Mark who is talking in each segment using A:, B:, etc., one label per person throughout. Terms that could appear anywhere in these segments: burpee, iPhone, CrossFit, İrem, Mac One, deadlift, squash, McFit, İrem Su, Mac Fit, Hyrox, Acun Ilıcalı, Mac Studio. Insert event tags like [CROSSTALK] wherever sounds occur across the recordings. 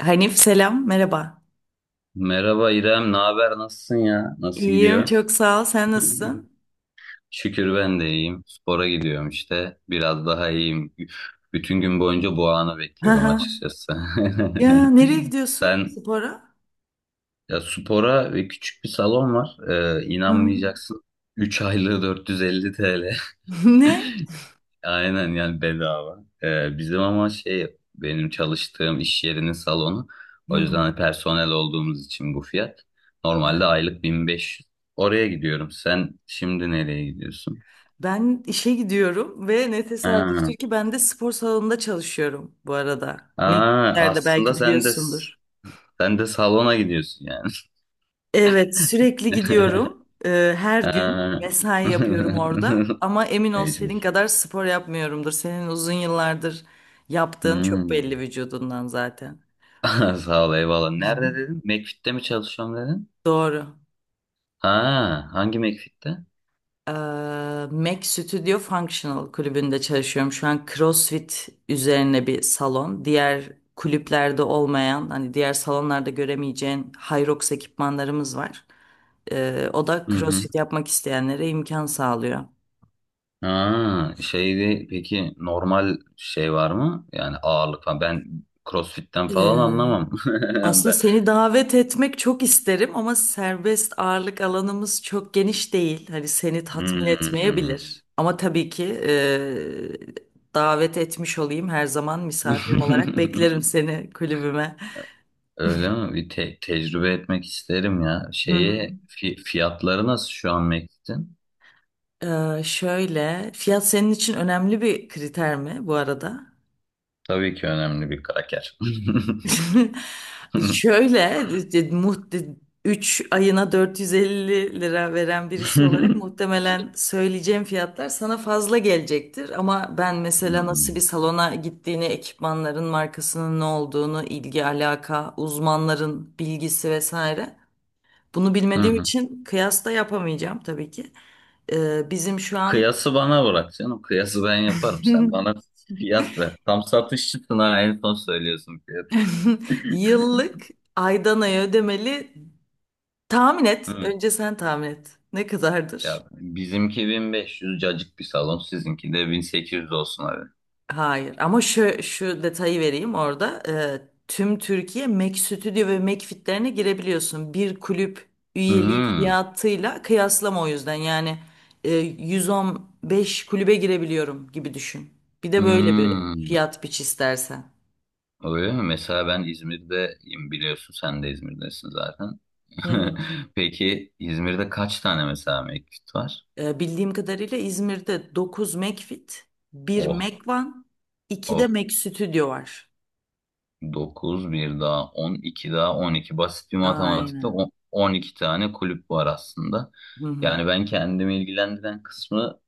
A: Hanif selam, merhaba.
B: Merhaba İrem, ne haber? Nasılsın ya? Nasıl
A: İyiyim,
B: gidiyor?
A: çok sağ ol. Sen
B: [LAUGHS]
A: nasılsın?
B: Şükür ben de iyiyim. Spora gidiyorum işte. Biraz daha iyiyim. Bütün gün boyunca bu anı
A: Hı
B: bekliyorum
A: hı.
B: açıkçası.
A: Ya nereye
B: [LAUGHS]
A: gidiyorsun
B: Sen
A: spora?
B: ya spora ve küçük bir salon var.
A: Hı hı.
B: İnanmayacaksın. 3 aylığı 450 TL. [LAUGHS]
A: [LAUGHS] Ne?
B: Aynen yani bedava. Bizim ama şey benim çalıştığım iş yerinin salonu.
A: Hı
B: O yüzden
A: hı.
B: hani personel olduğumuz için bu fiyat.
A: Hı.
B: Normalde aylık 1500. Oraya gidiyorum. Sen şimdi nereye gidiyorsun?
A: Ben işe gidiyorum ve ne
B: Ha.
A: tesadüftür ki ben de spor salonunda çalışıyorum bu arada.
B: Aa,
A: Mekiklerde
B: aslında
A: belki
B: sen de
A: biliyorsundur.
B: salona gidiyorsun yani.
A: Evet, sürekli
B: [LAUGHS]
A: gidiyorum. Her gün
B: Ha.
A: mesai yapıyorum orada.
B: [LAUGHS]
A: Ama emin ol senin
B: Mecbur.
A: kadar spor yapmıyorumdur. Senin uzun yıllardır yaptığın çok
B: Hmm.
A: belli
B: [LAUGHS]
A: vücudundan zaten.
B: Sağ ol eyvallah. Nerede
A: [LAUGHS]
B: dedin? McFit'te mi çalışıyorum dedin?
A: Doğru.
B: Ha, hangi McFit'te?
A: Eee, Mac Studio Functional kulübünde çalışıyorum. Şu an CrossFit üzerine bir salon. Diğer kulüplerde olmayan, hani diğer salonlarda göremeyeceğin Hyrox ekipmanlarımız var. O da
B: Hı hı.
A: CrossFit yapmak isteyenlere imkan sağlıyor.
B: Ha, şeyde peki normal şey var mı? Yani ağırlık falan. Ben CrossFit'ten falan anlamam. [LAUGHS]
A: Aslında
B: Ben...
A: seni davet etmek çok isterim ama serbest ağırlık alanımız çok geniş değil. Hani seni tatmin
B: Hmm.
A: etmeyebilir. Ama tabii ki davet etmiş olayım. Her zaman misafirim olarak beklerim
B: [LAUGHS]
A: seni kulübüme.
B: Öyle mi? Bir tecrübe etmek isterim ya.
A: Hı hı.
B: Şeye fiyatları nasıl şu an Mektin?
A: Şöyle, fiyat senin için önemli bir kriter mi bu arada?
B: Tabii ki önemli bir kraker.
A: [LAUGHS]
B: [LAUGHS]
A: Şöyle e, muht 3 ayına 450 lira veren birisi olarak muhtemelen söyleyeceğim fiyatlar sana fazla gelecektir. Ama ben mesela nasıl bir
B: Hmm.
A: salona gittiğini, ekipmanların markasının ne olduğunu, ilgi alaka, uzmanların bilgisi vesaire bunu
B: Hı
A: bilmediğim
B: hı.
A: için kıyas da yapamayacağım tabii ki. Bizim şu an
B: Kıyası bana bırak canım. Kıyası ben yaparım. Sen bana
A: [LAUGHS]
B: fiyat ver. Tam satışçısın ha. En son söylüyorsun fiyatı.
A: [LAUGHS] yıllık, aydan aya ödemeli. Tahmin et. Önce sen tahmin et. Ne
B: Ya
A: kadardır?
B: bizimki 1500 cacık bir salon, sizinki de 1800 olsun abi.
A: Hayır. Ama şu detayı vereyim orada. Tüm Türkiye Mac Studio ve Mac Fit'lerine girebiliyorsun. Bir kulüp üyeliği
B: Hmm.
A: fiyatıyla kıyaslama o yüzden. Yani 115 kulübe girebiliyorum gibi düşün. Bir de böyle bir
B: Hmm.
A: fiyat biç istersen.
B: Öyle mi? Mesela ben İzmir'deyim biliyorsun, sen de İzmir'desin zaten.
A: Hı
B: [LAUGHS]
A: hı.
B: Peki İzmir'de kaç tane mesela mevcut var?
A: Bildiğim kadarıyla İzmir'de 9 Mac Fit, 1
B: Oh,
A: Mac One, 2 de
B: oh.
A: Mac Studio var.
B: 9 bir daha 12 daha 12. Basit bir matematikle
A: Aynen.
B: on 12 tane kulüp var aslında.
A: Hı hı.
B: Yani ben kendimi ilgilendiren kısmı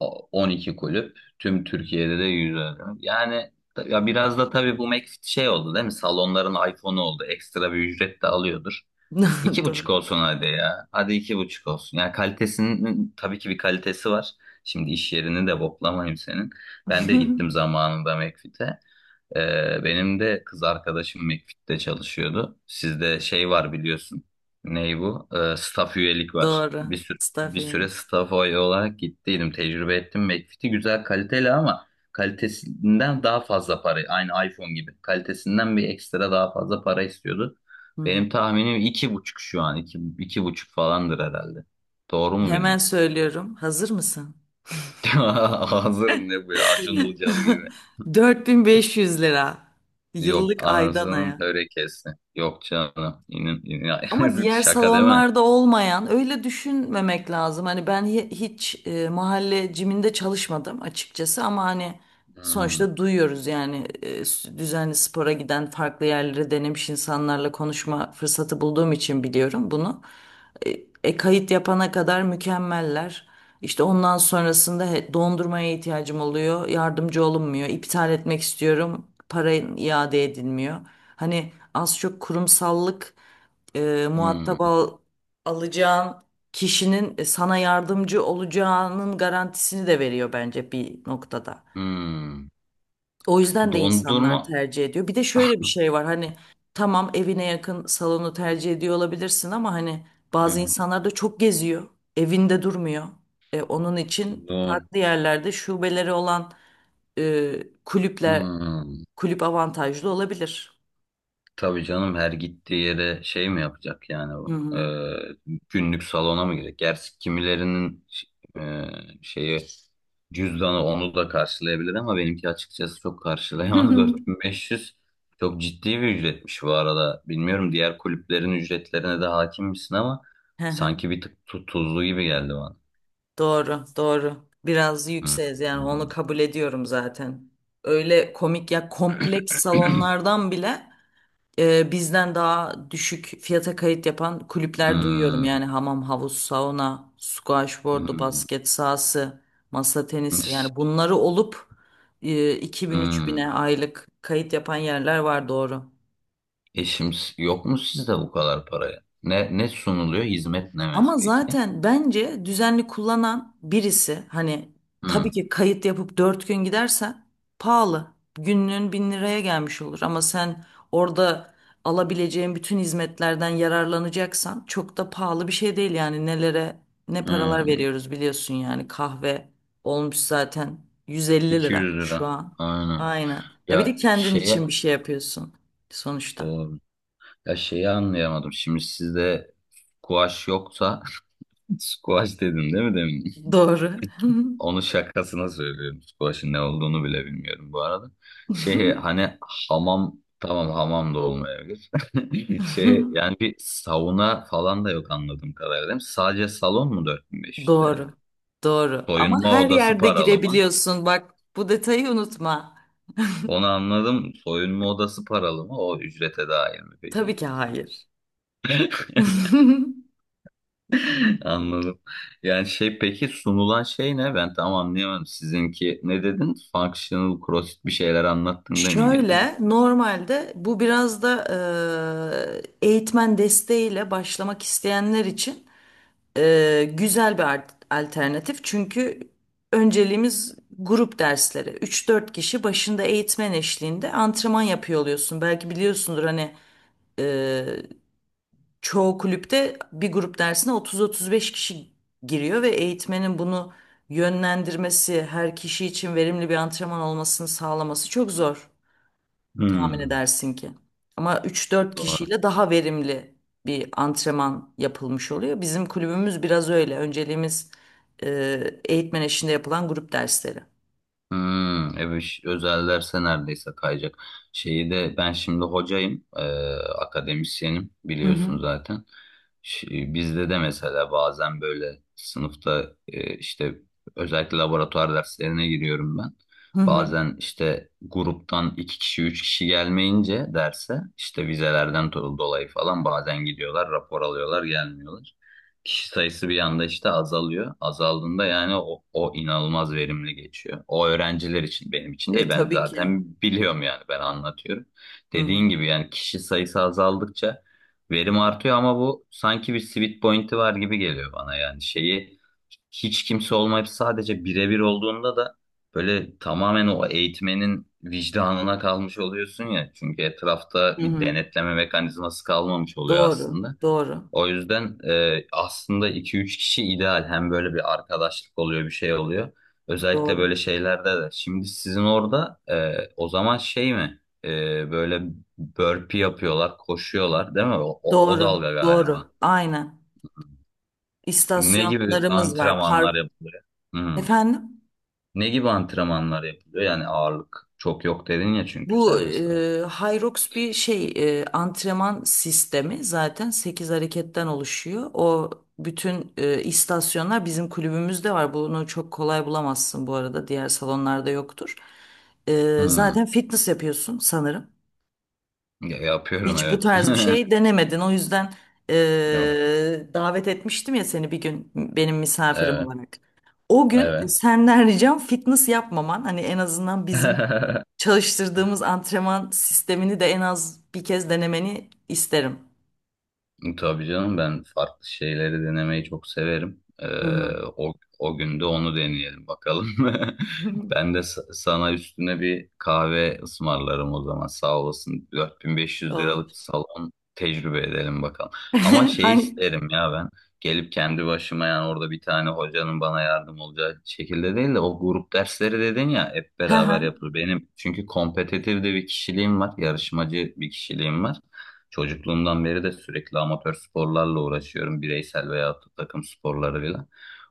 B: 12 kulüp. Tüm Türkiye'de de 100. Yani ya biraz da tabii bu McFit şey oldu değil mi? Salonların iPhone'u oldu. Ekstra bir ücret de alıyordur. İki
A: [LAUGHS] Doğru.
B: buçuk olsun hadi ya. Hadi iki buçuk olsun. Yani kalitesinin tabii ki bir kalitesi var. Şimdi iş yerini de boklamayayım senin. Ben de gittim
A: [LAUGHS]
B: zamanında McFit'e. Benim de kız arkadaşım McFit'te çalışıyordu. Sizde şey var biliyorsun. Ney bu? Staff üyelik var.
A: Doğru.
B: Bir süre
A: Stafin.
B: staff üye olarak gittiydim. Tecrübe ettim. McFit'i güzel kaliteli ama kalitesinden daha fazla para. Aynı iPhone gibi. Kalitesinden bir ekstra daha fazla para istiyordu.
A: Hı hı.
B: Benim tahminim iki buçuk şu an. İki buçuk falandır herhalde. Doğru mu
A: Hemen
B: bildim?
A: söylüyorum. Hazır mısın?
B: [LAUGHS] Hazırım ne bu ya? Acun Ilıcalı gibi.
A: [LAUGHS] 4.500 lira.
B: Yok
A: Yıllık, aydan
B: anasının
A: aya.
B: törekesi. Yok canım.
A: Ama
B: [LAUGHS]
A: diğer
B: Şaka değil mi?
A: salonlarda olmayan öyle düşünmemek lazım. Hani ben hiç mahalle ciminde çalışmadım açıkçası ama hani
B: Hmm,
A: sonuçta duyuyoruz yani düzenli spora giden farklı yerlere denemiş insanlarla konuşma fırsatı bulduğum için biliyorum bunu. E, kayıt yapana kadar mükemmeller. İşte ondan sonrasında dondurmaya ihtiyacım oluyor. Yardımcı olunmuyor. İptal etmek istiyorum. Para iade edilmiyor. Hani az çok kurumsallık muhatap
B: hmm,
A: alacağın kişinin sana yardımcı olacağının garantisini de veriyor bence bir noktada.
B: hmm.
A: O yüzden de
B: Dondurma.
A: insanlar tercih ediyor. Bir de şöyle bir şey var hani tamam evine yakın salonu tercih ediyor olabilirsin ama hani bazı
B: Hmm,
A: insanlar da çok geziyor. Evinde durmuyor. Onun için
B: don.
A: farklı yerlerde şubeleri olan e, kulüpler
B: Hmm.
A: kulüp avantajlı olabilir.
B: Tabii canım her gittiği yere şey mi yapacak yani
A: Hı
B: bu?
A: hı.
B: Günlük salona mı girecek? Gerçi kimilerinin e, şeyi cüzdanı onu da karşılayabilir ama benimki açıkçası çok karşılayamaz. [LAUGHS] 4500 çok ciddi bir ücretmiş bu arada. Bilmiyorum diğer kulüplerin ücretlerine de hakim misin ama
A: [LAUGHS]
B: sanki bir tık tuzlu gibi geldi bana.
A: Doğru, doğru. Biraz
B: Hmm,
A: yükseğiz yani onu kabul ediyorum zaten. Öyle komik ya kompleks salonlardan bile bizden daha düşük fiyata kayıt yapan kulüpler duyuyorum.
B: hmm,
A: Yani hamam, havuz, sauna, squash boardu,
B: hmm,
A: basket sahası, masa tenisi yani bunları olup e,
B: hmm.
A: 2.000-3.000'e aylık kayıt yapan yerler var doğru.
B: E yok mu sizde bu kadar paraya? Ne sunuluyor? Hizmet ne
A: Ama
B: peki?
A: zaten bence düzenli kullanan birisi hani
B: Hmm,
A: tabii ki kayıt yapıp 4 gün gidersen pahalı. Günlüğün 1.000 liraya gelmiş olur ama sen orada alabileceğin bütün hizmetlerden yararlanacaksan çok da pahalı bir şey değil yani nelere ne paralar
B: hmm.
A: veriyoruz biliyorsun yani kahve olmuş zaten 150 lira
B: 200 lira.
A: şu an.
B: Aynen.
A: Aynen. Ya bir de
B: Ya
A: kendin için bir
B: şeye
A: şey yapıyorsun sonuçta.
B: doğru. Ya şeyi anlayamadım. Şimdi sizde squash yoksa [LAUGHS] squash dedim değil mi demin?
A: Doğru.
B: Onu şakasına söylüyorum. Squash'ın ne olduğunu bile bilmiyorum bu arada. Şey hani hamam tamam hamam da olmayabilir. [LAUGHS] Şey
A: [LAUGHS]
B: yani bir sauna falan da yok anladığım kadarıyla değil mi? Sadece salon mu 4500 TL?
A: Doğru. Doğru. Ama
B: Soyunma
A: her
B: odası
A: yerde
B: paralı mı?
A: girebiliyorsun. Bak bu detayı unutma.
B: Onu anladım. Soyunma odası paralı mı? O ücrete dahil mi peki?
A: Tabii ki hayır. [LAUGHS]
B: [LAUGHS] Anladım. Yani şey peki sunulan şey ne? Ben tam anlayamadım. Sizinki ne dedin? Functional CrossFit bir şeyler anlattın değil mi gene de?
A: Şöyle normalde bu biraz da eğitmen desteğiyle başlamak isteyenler için güzel bir alternatif. Çünkü önceliğimiz grup dersleri. Üç dört kişi başında eğitmen eşliğinde antrenman yapıyor oluyorsun. Belki biliyorsundur hani çoğu kulüpte bir grup dersine 30-35 kişi giriyor ve eğitmenin bunu yönlendirmesi, her kişi için verimli bir antrenman olmasını sağlaması çok zor tahmin
B: Hmm,
A: edersin ki. Ama üç dört
B: doğru.
A: kişiyle daha verimli bir antrenman yapılmış oluyor. Bizim kulübümüz biraz öyle. Önceliğimiz eğitmen eşliğinde yapılan grup dersleri.
B: Hmm, evet özel derse neredeyse kayacak. Şeyi de ben şimdi hocayım, akademisyenim
A: Hı hı.
B: biliyorsun zaten. Bizde de mesela bazen böyle sınıfta işte özellikle laboratuvar derslerine giriyorum ben.
A: Hı hı.
B: Bazen işte gruptan iki kişi üç kişi gelmeyince derse işte vizelerden dolayı falan bazen gidiyorlar rapor alıyorlar gelmiyorlar kişi sayısı bir anda işte azalıyor. Azaldığında yani o inanılmaz verimli geçiyor. O öğrenciler için benim için
A: E
B: değil, ben
A: tabii ki.
B: zaten biliyorum yani, ben anlatıyorum.
A: Hı hı.
B: Dediğin gibi yani kişi sayısı azaldıkça verim artıyor ama bu sanki bir sweet point'i var gibi geliyor bana. Yani şeyi hiç kimse olmayıp sadece birebir olduğunda da böyle tamamen o eğitmenin vicdanına kalmış oluyorsun ya. Çünkü etrafta
A: Hı
B: bir
A: hı.
B: denetleme mekanizması kalmamış oluyor
A: Doğru,
B: aslında.
A: doğru,
B: O yüzden aslında iki üç kişi ideal. Hem böyle bir arkadaşlık oluyor, bir şey oluyor. Özellikle
A: doğru,
B: böyle şeylerde de. Şimdi sizin orada o zaman şey mi? Böyle burpee yapıyorlar, koşuyorlar değil mi? O
A: doğru,
B: dalga galiba.
A: doğru. Aynen.
B: Ne gibi
A: istasyonlarımız var.
B: antrenmanlar
A: Park.
B: yapılıyor? Hı.
A: Efendim?
B: Ne gibi antrenmanlar yapılıyor? Yani ağırlık çok yok dedin ya çünkü
A: Bu
B: serbestte.
A: Hyrox bir şey, antrenman sistemi zaten 8 hareketten oluşuyor. O bütün istasyonlar bizim kulübümüzde var. Bunu çok kolay bulamazsın bu arada. Diğer salonlarda yoktur. E,
B: Hı.
A: zaten fitness yapıyorsun sanırım.
B: Ya, yapıyorum
A: Hiç bu
B: evet.
A: tarz bir
B: [LAUGHS]
A: şey denemedin. O yüzden
B: Yok.
A: davet etmiştim ya seni bir gün benim misafirim
B: Evet.
A: olarak. O gün
B: Evet.
A: senden ricam fitness yapmaman. Hani en azından bizim
B: [LAUGHS]
A: çalıştırdığımız antrenman sistemini de en az bir kez denemeni isterim.
B: Tabii canım ben farklı şeyleri denemeyi çok severim.
A: Hı hı.
B: O, o gün de onu deneyelim bakalım. [LAUGHS]
A: [LAUGHS]
B: Ben de sana üstüne bir kahve ısmarlarım o zaman, sağ olasın. 4500
A: Olur.
B: liralık salon tecrübe edelim bakalım. Ama
A: [LAUGHS]
B: şey
A: Hangi?
B: isterim ya, ben gelip kendi başıma yani orada bir tane hocanın bana yardım olacağı şekilde değil de, o grup dersleri dedin ya hep
A: Hı
B: beraber
A: hı.
B: yapılır. Benim çünkü kompetitif de bir kişiliğim var, yarışmacı bir kişiliğim var. Çocukluğumdan beri de sürekli amatör sporlarla uğraşıyorum. Bireysel veya takım sporlarıyla.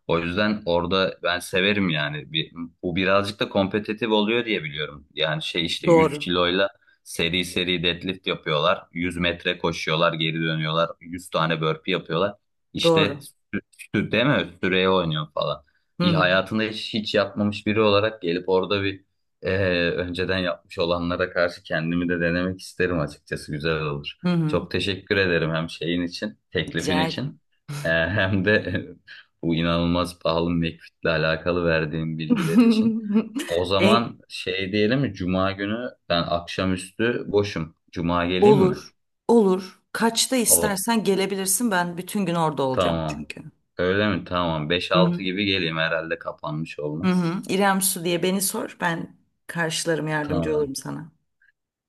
B: O yüzden orada ben severim yani. Bir, bu birazcık da kompetitif oluyor diye biliyorum. Yani şey işte 100
A: Doğru.
B: kiloyla seri seri deadlift yapıyorlar. 100 metre koşuyorlar, geri dönüyorlar. 100 tane burpee yapıyorlar. İşte
A: Doğru.
B: sü- değil mi? Süreye oynuyor falan.
A: Hı
B: Bir
A: hı.
B: hayatında hiç, hiç yapmamış biri olarak gelip orada bir önceden yapmış olanlara karşı kendimi de denemek isterim açıkçası. Güzel olur.
A: Hı hı.
B: Çok teşekkür ederim hem şeyin için, teklifin
A: Rica ederim.
B: için, hem de [LAUGHS] bu inanılmaz pahalı McFit'le alakalı verdiğim bilgiler için.
A: [LAUGHS]
B: O
A: En-
B: zaman şey diyelim mi? Cuma günü ben akşamüstü boşum. Cuma geleyim mi?
A: Olur, olur. Kaçta
B: O
A: istersen gelebilirsin. Ben bütün gün orada olacağım
B: tamam.
A: çünkü.
B: Öyle mi? Tamam. Beş
A: Hı hı.
B: altı gibi geleyim, herhalde kapanmış
A: Hı
B: olmaz.
A: hı. İrem Su diye beni sor. Ben karşılarım, yardımcı
B: Tamam.
A: olurum sana.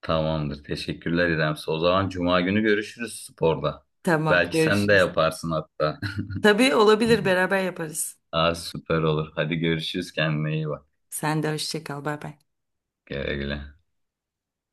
B: Tamamdır. Teşekkürler İremsi. O zaman Cuma günü görüşürüz sporda.
A: Tamam,
B: Belki sen de
A: görüşürüz.
B: yaparsın hatta.
A: Tabii olabilir, beraber yaparız.
B: [LAUGHS] Aa, süper olur. Hadi görüşürüz. Kendine iyi bak.
A: Sen de hoşça kal, bay bay.
B: Güle güle.